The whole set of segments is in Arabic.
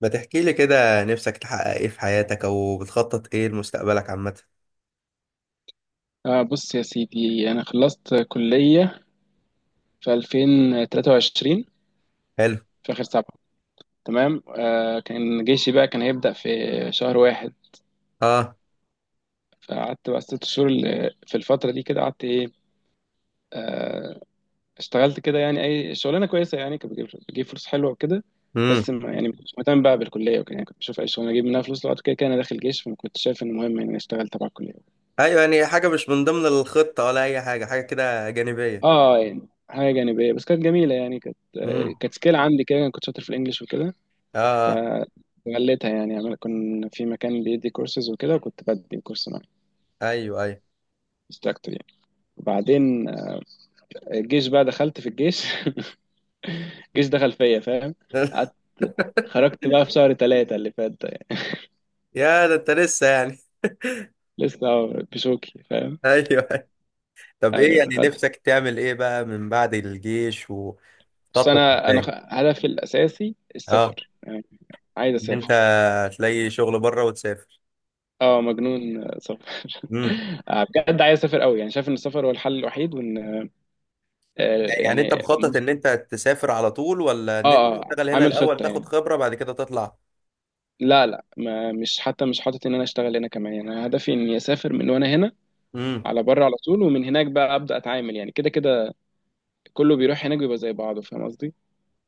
ما تحكي لي كده، نفسك تحقق ايه في حياتك او بتخطط ايه لمستقبلك عامة؟ آه، بص يا سيدي، أنا خلصت كلية في 2023، حلو. في آخر 7. تمام، كان جيشي بقى كان هيبدأ في شهر واحد. اه. فقعدت بقى 6 شهور في الفترة دي كده. قعدت إيه؟ آه اشتغلت كده، يعني أي شغلانة كويسة، يعني كانت بتجيب فلوس حلوة وكده. امم. بس ما كنتش مهتم بقى بالكلية وكده، يعني كنت بشوف أي شغلانة أجيب منها فلوس، لو كده كده أنا داخل جيش، فما كنتش شايف إن مهم إن أنا أشتغل تبع الكلية. ايوه، يعني حاجة مش من ضمن الخطة ولا اي حاجة، حاجة كده جانبية. اه يعني حاجة جانبية، بس كانت جميلة، يعني كانت آه، امم. كانت سكيل عندي كده، أنا كنت شاطر في الإنجليش وكده. اه آه. فغليتها يعني، عمال كنا في مكان بيدي كورسز وكده، وكنت بدي الكورس معاه، ايوه ايوه. انستراكتور يعني. وبعدين الجيش بقى، دخلت في الجيش. الجيش دخل فيا، فاهم؟ قعدت، خرجت بقى في شهر 3 اللي فات ده يعني. يا ده انت لسه يعني. لسه بشوكي، فاهم؟ ايوه أيوه. طب ايه ايوه يعني خدت، نفسك تعمل ايه بقى من بعد الجيش بس وتخطط انا ازاي؟ هدفي الاساسي اه، السفر يعني. عايز ان انت اسافر. تلاقي شغل بره وتسافر. اه، مجنون سفر. امم. بجد عايز اسافر قوي، يعني شايف ان السفر هو الحل الوحيد، وان يعني انت يعني مخطط ان مصر. انت تسافر على طول، ولا ان انت اه اه، تشتغل هنا عامل الاول خطة تاخد يعني. خبرة بعد كده تطلع؟ لا لا، ما مش، حتى مش حاطط ان انا اشتغل هنا كمان، يعني انا هدفي اني اسافر من وانا هنا، امم. على بره على طول، ومن هناك بقى ابدا اتعامل يعني. كده كده كله بيروح هناك بيبقى زي بعضه، فاهم قصدي؟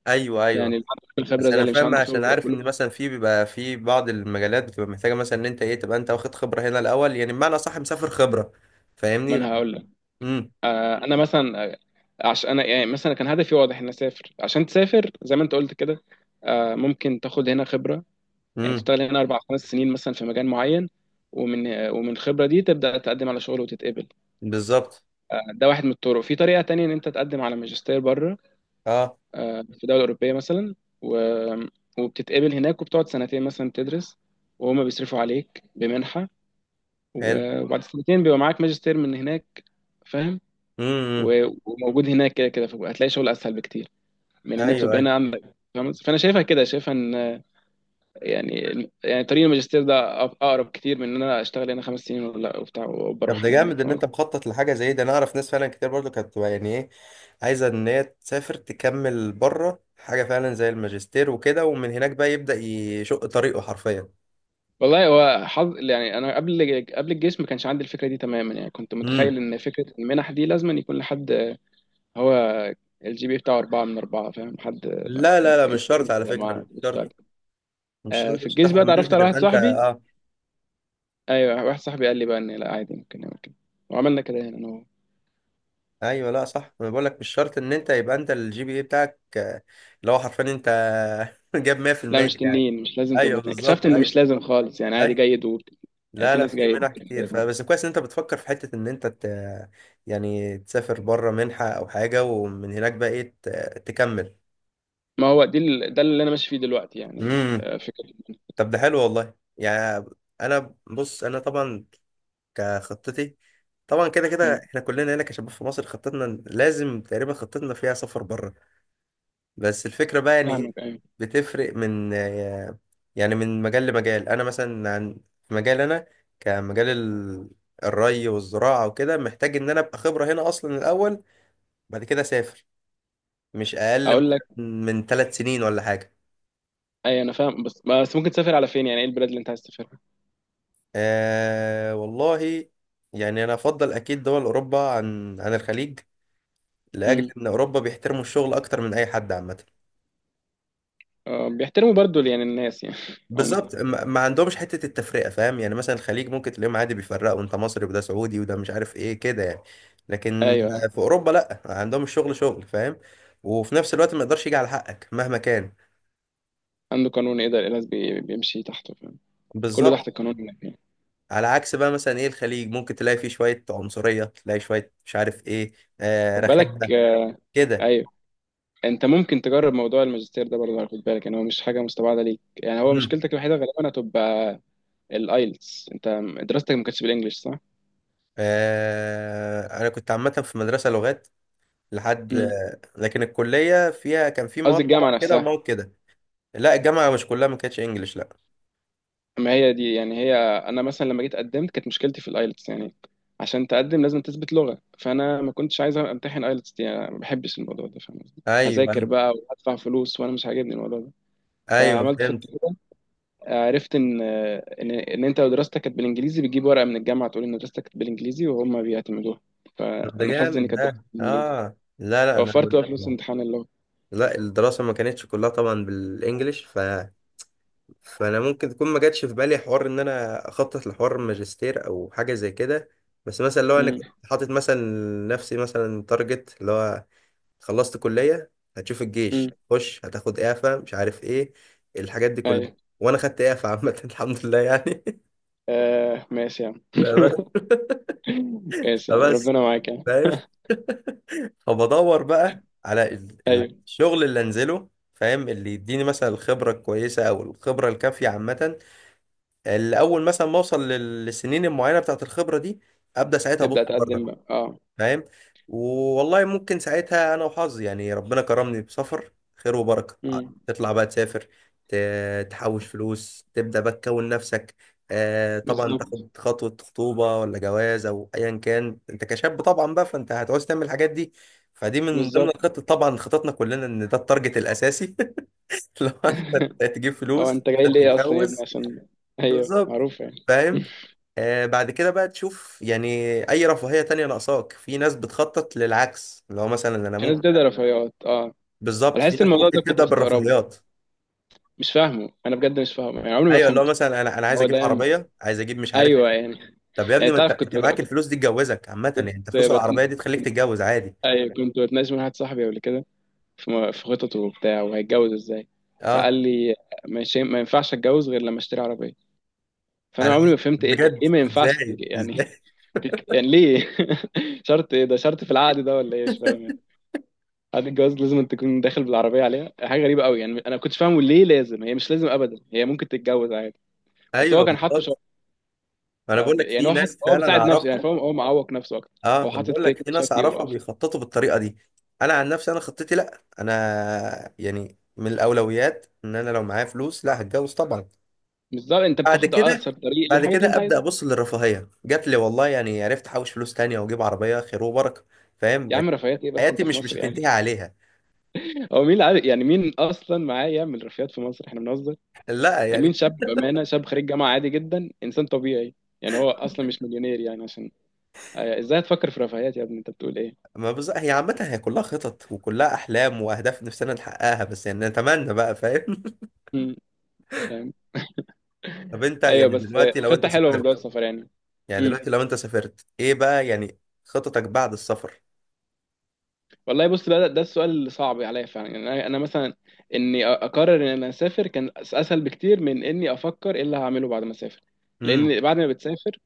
ايوه يعني ايوه. اللي عنده الخبره بس زي انا اللي مش فاهم، عنده عشان خبره، عارف ان كله. مثلا في بعض المجالات بتبقى محتاجه، مثلا ان انت ايه، تبقى انت واخد خبره هنا الاول، يعني بمعنى صح مسافر خبره. ما فاهمني؟ انا هقول لك. امم انا مثلا، عشان انا يعني مثلا كان هدفي واضح ان اسافر. عشان تسافر زي ما انت قلت كده، ممكن تاخد هنا خبره، يعني امم. تشتغل هنا 4 5 سنين مثلا في مجال معين، ومن الخبره دي تبدا تقدم على شغل وتتقبل. بالظبط. ده واحد من الطرق. في طريقه تانية، ان انت تقدم على ماجستير بره، اه. في دولة أوروبية مثلا، و... وبتتقبل هناك، وبتقعد سنتين مثلا تدرس، وهما بيصرفوا عليك بمنحة. حلو. وبعد سنتين بيبقى معاك ماجستير من هناك، فاهم؟ امم امم. وموجود هناك كده كده، فهتلاقي شغل أسهل بكتير من إن ايوه بتبقى هنا ايوه. عندك، فاهم؟ فأنا شايفها كده، شايفها إن يعني يعني طريق الماجستير ده أقرب كتير من إن أنا أشتغل هنا 5 سنين، ولا وبتاع طب وبروح ده على جامد هناك، ان فاهم انت قصدي؟ مخطط لحاجه زي ده، انا اعرف ناس فعلا كتير برضو كانت بتبقى يعني ايه، عايزه ان هي تسافر تكمل بره حاجه فعلا زي الماجستير وكده، ومن هناك بقى يبدا يشق طريقه حرفيا. والله هو حظ يعني. أنا قبل الجيش ما كانش عندي الفكرة دي تماما، يعني كنت امم. متخيل إن فكرة المنح دي لازم أن يكون لحد هو الجي بي بتاعه 4 من 4، فاهم، حد. ما لا مش شرط على فكره، مش مش فارق. شرط. مش شرط في عشان الجيش تاخد بقى المنحه اتعرفت على تبقى واحد انت صاحبي، اه. أيوه واحد صاحبي قال لي بقى إن لا عادي، ممكن نعمل كده، وعملنا كده هنا أنا وهو. ايوه، لا صح، انا بقول لك مش شرط ان انت يبقى انت الجي بي اي بتاعك اللي هو حرفيا انت جاب لا، 100% مش يعني. تنين، مش لازم تبقى ايوه تنين، اكتشفت بالظبط. إن ايوه. مش لازم خالص، يعني عادي ايوه. جيد يعني لا في لا ناس في جيد. منح كتير، فبس كويس ان انت بتفكر في حته ان انت ت... يعني تسافر بره منحه او حاجه، ومن هناك بقى ايه ت... تكمل. ما هو دي ده اللي أنا ماشي فيه دلوقتي، يعني امم. فكرة. طب ده حلو والله يعني. انا بص، انا طبعا كخطتي، طبعا كده كده مم. احنا كلنا هنا كشباب في مصر خطتنا لازم تقريبا خطتنا فيها سفر بره. بس الفكرة بقى يعني ايه، فاهمك، أيوه. بتفرق من يعني من مجال لمجال. انا مثلا عن في مجال انا، كمجال ال- الري والزراعة وكده، محتاج ان انا ابقى خبرة هنا اصلا الاول، بعد كده اسافر، مش اقل أقول لك، من ثلاث سنين ولا حاجة. أيوه أنا فاهم، بس ممكن تسافر على فين؟ يعني إيه البلاد اللي أنت عايز تسافرها؟ أه والله، يعني انا افضل اكيد دول اوروبا عن عن الخليج، لاجل مم. ان اوروبا بيحترموا الشغل اكتر من اي حد عامة. بيحترموا برضو يعني، الناس يعني عموما. بالظبط، ما عندهمش حتة التفرقة، فاهم يعني مثلا الخليج ممكن تلاقيهم عادي بيفرقوا انت مصري وده سعودي وده مش عارف ايه كده يعني. لكن ايوه، في اوروبا لا، عندهم الشغل شغل فاهم، وفي نفس الوقت ما يقدرش يجي على حقك مهما كان. عنده قانون، ايه ده؟ القلاص بيمشي تحته، فاهم، كله تحت بالظبط. القانون. مم. هناك يعني. على عكس بقى مثلا ايه الخليج، ممكن تلاقي فيه شوية عنصرية، تلاقي شوية مش عارف ايه، آه خد بالك، رخامة كده. ايوه، انت ممكن تجرب موضوع الماجستير ده برضه، خد بالك، يعني هو مش حاجه مستبعده ليك، يعني هو مم. مشكلتك الوحيده غالبا هتبقى الايلتس. انت دراستك ما كانتش بالانجلش، صح؟ آه انا كنت عامة في مدرسة لغات لحد امم، لكن الكلية فيها كان في مواد قصدي طبعا الجامعه كده نفسها. ومواد كده. لا الجامعة مش كلها، ما كانتش انجلش لا. اما هي دي يعني، هي انا مثلا لما جيت قدمت كانت مشكلتي في الايلتس يعني، عشان تقدم لازم تثبت لغه. فانا ما كنتش عايز امتحن ايلتس دي، انا ما بحبش الموضوع ده، فاهم قصدي؟ ايوه هذاكر بقى وهدفع فلوس وانا مش عاجبني الموضوع ده. ايوه فعملت خطه، فهمت. عرفت ان انت لو دراستك كانت بالانجليزي بتجيب ورقه من الجامعه تقول ان دراستك كانت بالانجليزي، وهم بيعتمدوها. طب ده فانا حظي ان جامد كانت دراستي ده. بالانجليزي، اه لا انا، وفرت بقى فلوس امتحان اللغه. لا الدراسه ما كانتش كلها طبعا بالانجلش ف... فانا ممكن تكون ما جاتش في بالي حوار ان انا اخطط لحوار ماجستير او حاجه زي كده. بس مثلا لو انا كنت امم حاطط مثلا نفسي مثلا تارجت، اللي هو خلصت كليه، هتشوف امم، الجيش، خش هتاخد اعفاء مش عارف ايه، الحاجات دي كلها. ايوه، وانا خدت اعفاء عامه الحمد لله يعني. آه ماشي يا عم. فبس. ماشي يا عم، فبس، ربنا معاك يا عم. فاهم، فبدور بقى على ايوه الشغل اللي انزله، فاهم، اللي يديني مثلا الخبرة الكويسة او الخبرة الكافية عامة، اللي اول مثلا ما اوصل للسنين المعينة بتاعت الخبرة دي، ابدا ساعتها ابص تبدا تقدم بره، بقى، اه. فاهم. والله ممكن ساعتها انا وحظي يعني ربنا كرمني بسفر خير وبركه امم، تطلع بقى تسافر، ت- تحوش فلوس، تبدا بقى تكون نفسك، آه طبعا بالظبط. تاخد خطوه خطوبه ولا جواز او ايا كان، انت كشاب طبعا بقى فانت هتعوز تعمل الحاجات دي. فدي من ضمن بالظبط. الخطط طبعا، خططنا كلنا ان ده التارجت الاساسي لو انت تجيب هو فلوس انت جاي عشان ليه اصلا يا ابني؟ تتجوز. عشان ايوه، بالظبط. معروف يعني. فاهم. بعد كده بقى تشوف يعني اي رفاهية تانية ناقصاك. في ناس بتخطط للعكس، اللي هو مثلا انا في ناس ممكن. بتبدا رفيعات، اه. بالظبط، انا في حاسس ناس الموضوع ده ممكن كنت تبدأ بستغربه، بالرفاهيات. مش فاهمه، انا بجد مش فاهمه يعني، عمري ما ايوه، اللي هو فهمته. مثلا انا عايز هو اجيب ده، عربية، عايز اجيب مش عارف. ايوه يعني. طب يا يعني ابني ما انت تعرف، انت كنت معاك كنت الفلوس دي تجوزك عامة، يعني انت فلوس بت... العربية دي تخليك تتجوز عادي. أيوة كنت بتناقش مع واحد صاحبي قبل كده، في في خططه وبتاع، وهيتجوز ازاي. فقال اه لي مش، ما ينفعش اتجوز غير لما اشتري عربيه. فانا انا عمري ما فهمت ايه، بجد، ليه ما ينفعش ازاي يعني، ازاي؟ يعني ليه؟ شرط ايه ده؟ شرط في العقد ده ولا ايه، مش فاهم يعني. عقد الجواز لازم أن تكون داخل بالعربيه عليها، حاجه غريبه قوي يعني. انا ما كنتش فاهمه ليه لازم، هي مش لازم ابدا، هي ممكن تتجوز عادي. بس هو ايوه كان حاطه بالظبط. شرط. انا بقول لك يعني في هو حط، ناس هو فعلا بيساعد نفسه يعني، اعرفها. فاهم، هو معوق نفسه اكتر، اه هو انا حاطط بقول كده لك في كده ناس شرط. اعرفها بيخططوا بالطريقه دي. انا عن نفسي انا خطتي لا، انا يعني من الاولويات ان انا لو معايا فلوس لا هتجوز طبعا. بالظبط، انت بعد بتاخد اقصر كده، طريق بعد للحاجه اللي كده انت ابدا عايزها. ابص للرفاهيه، جات لي والله يعني عرفت احوش فلوس تانية واجيب عربيه خير وبركه، فاهم. يا عم لكن رفاهيات ايه بس؟ حياتي انت في مش مصر يعني. هتنتهي عليها. هو مين اللي عارف يعني؟ مين اصلا معاه يعمل رفاهيات في مصر؟ احنا بنهزر لا يعني. مين يعني شاب، بامانه، شاب خريج جامعه عادي جدا، انسان طبيعي، يعني هو اصلا مش مليونير يعني، عشان ازاي هتفكر في رفاهيات يا ابني؟ انت بتقول ايه؟ ما بز... هي عامه هي كلها خطط وكلها احلام واهداف نفسنا نحققها بس، يعني نتمنى بقى، فاهم. مم، فاهم. طب انت ايوه يعني بس دلوقتي لو انت خطه حلوه موضوع سافرت، السفر يعني. يعني امم. دلوقتي لو انت سافرت ايه بقى يعني خططك بعد السفر؟ والله بص بقى، ده السؤال اللي صعب عليا فعلا يعني. انا مثلا اني اقرر ان انا اسافر كان اسهل بكتير من اني افكر ايه اللي هعمله بعد ما اسافر. امم. لان بعد ما بتسافر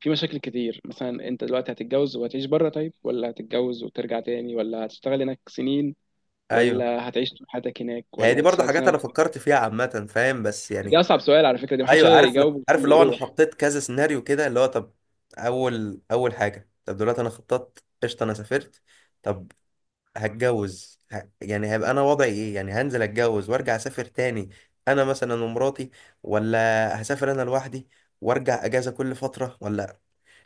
في مشاكل كتير، مثلا انت دلوقتي هتتجوز وهتعيش بره، طيب ولا هتتجوز وترجع تاني، ولا هتشتغل هناك سنين، ايوه ولا هتعيش طول حياتك هناك، هي دي ولا برضه هتشتغل حاجات سنة انا فكرت فيها عامه فاهم، بس دي يعني. أصعب سؤال على فكرة، دي محدش ايوه يقدر عارف. يجاوب عارف، اللي اللي هو انا يروح. حطيت كذا سيناريو كده، اللي هو طب، اول حاجه طب دلوقتي انا خططت قشطه، انا سافرت طب، هتجوز ه... يعني هيبقى انا وضعي ايه؟ يعني هنزل اتجوز وارجع اسافر تاني، انا مثلا ومراتي، ولا هسافر انا لوحدي وارجع اجازه كل فتره، ولا؟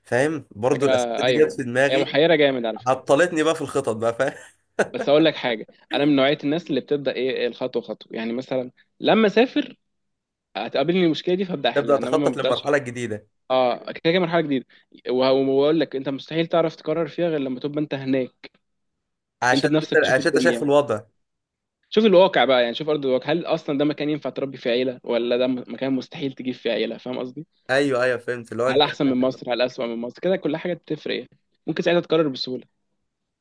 فاهم، برضه حاجة، الاسئله دي جت أيوه، في هي دماغي، محيرة جامد على فكرة. عطلتني بقى في الخطط بقى، فاهم. بس أقول لك حاجة، أنا من نوعية الناس اللي بتبدأ إيه، الخطوة خطوة يعني. مثلا لما أسافر هتقابلني المشكلة دي فأبدأ تبدا أحلها، إنما ما تخطط ببدأش. للمرحله الجديده. أه، كده كده مرحلة جديدة. وأقول لك، أنت مستحيل تعرف تقرر فيها غير لما تبقى أنت هناك، أنت عشان بنفسك انت تشوف عشان انت شايف الدنيا، الوضع. شوف الواقع بقى يعني، شوف ارض الواقع، هل اصلا ده مكان ينفع تربي فيه عيله، ولا ده مكان مستحيل تجيب فيه عيله، فاهم قصدي؟ ايوه ايوع فهمت اللي هو هل انت. احسن من مصر، هل اسوأ من مصر، كده كل حاجه بتفرق يعني، ممكن ساعتها تقرر بسهوله.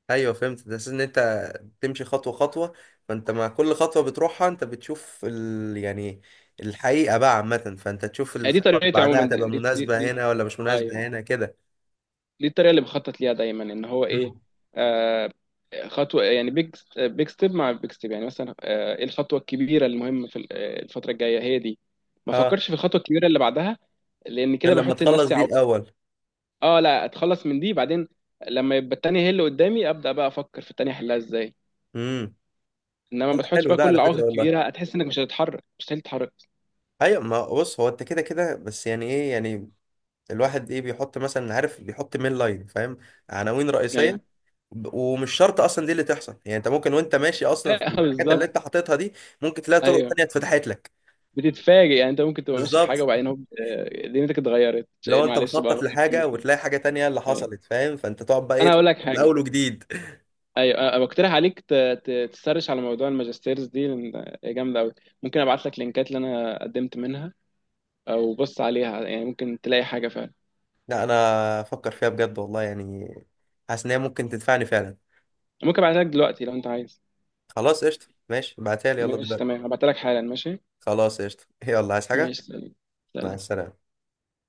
ايوه فهمت، ده اساس ان انت بتمشي خطوه خطوه، فانت مع كل خطوه بتروحها انت بتشوف ال... يعني الحقيقه بقى عامه، فانت تشوف يعني دي الخطوه اللي طريقتي بعدها عموما، دي هتبقى دي دي, مناسبه دي. هنا ولا مش ايوه، مناسبه هنا كده. دي الطريقه اللي بخطط ليها دايما، ان هو ايه، امم. آه خطوه يعني، بيج بيج ستيب مع بيج ستيب يعني. مثلا آه، ايه الخطوه الكبيره المهمه في الفتره الجايه؟ هي دي. ما اه. فكرش في الخطوه الكبيره اللي بعدها، لان غير كده لما بحط تخلص لنفسي دي عوائق. الاول. اه لا، اتخلص من دي بعدين، لما يبقى التانية هي اللي قدامي ابدا بقى افكر في التانية احلها ازاي. امم. انما ما تحطش حلو بقى ده كل على العوائق فكره والله. الكبيره، هتحس انك مش هتتحرك، مستحيل تتحرك. ايوه ما بص، هو انت كده كده، بس يعني ايه يعني الواحد ايه بيحط مثلا، عارف، بيحط مين لاين فاهم، عناوين رئيسيه. ايوه. ومش شرط اصلا دي اللي تحصل، يعني انت ممكن وانت ماشي اصلا في الحاجات اللي بالظبط. انت حاططها دي، ممكن تلاقي طرق ايوه تانية اتفتحت لك. بتتفاجئ يعني، انت ممكن تبقى ماشي في حاجه بالظبط. وبعدين هوب دنيتك اتغيرت، لو انت معلش بقى، مخطط غير لحاجة كل شيء. وتلاقي حاجة تانية اللي ايوه، حصلت، فاهم، فانت تقعد بقى ايه، انا هقول لك من حاجه. الاول وجديد. ايوه، أنا بقترح عليك تسرش على موضوع الماجستيرز دي، لان هي جامده قوي. ممكن ابعت لك لينكات اللي انا قدمت منها، او بص عليها، يعني ممكن تلاقي حاجه فعلا. لا انا افكر فيها بجد والله يعني، حاسس ان هي ممكن تنفعني فعلا. ممكن ابعتها لك دلوقتي لو انت عايز. خلاص قشطة، ماشي ابعتها لي يلا ماشي دلوقتي. تمام، هبعتلك حالا، ماشي. خلاص قشطة، يلا عايز حاجة؟ ماشي، سلام. مع سلام. السلامة.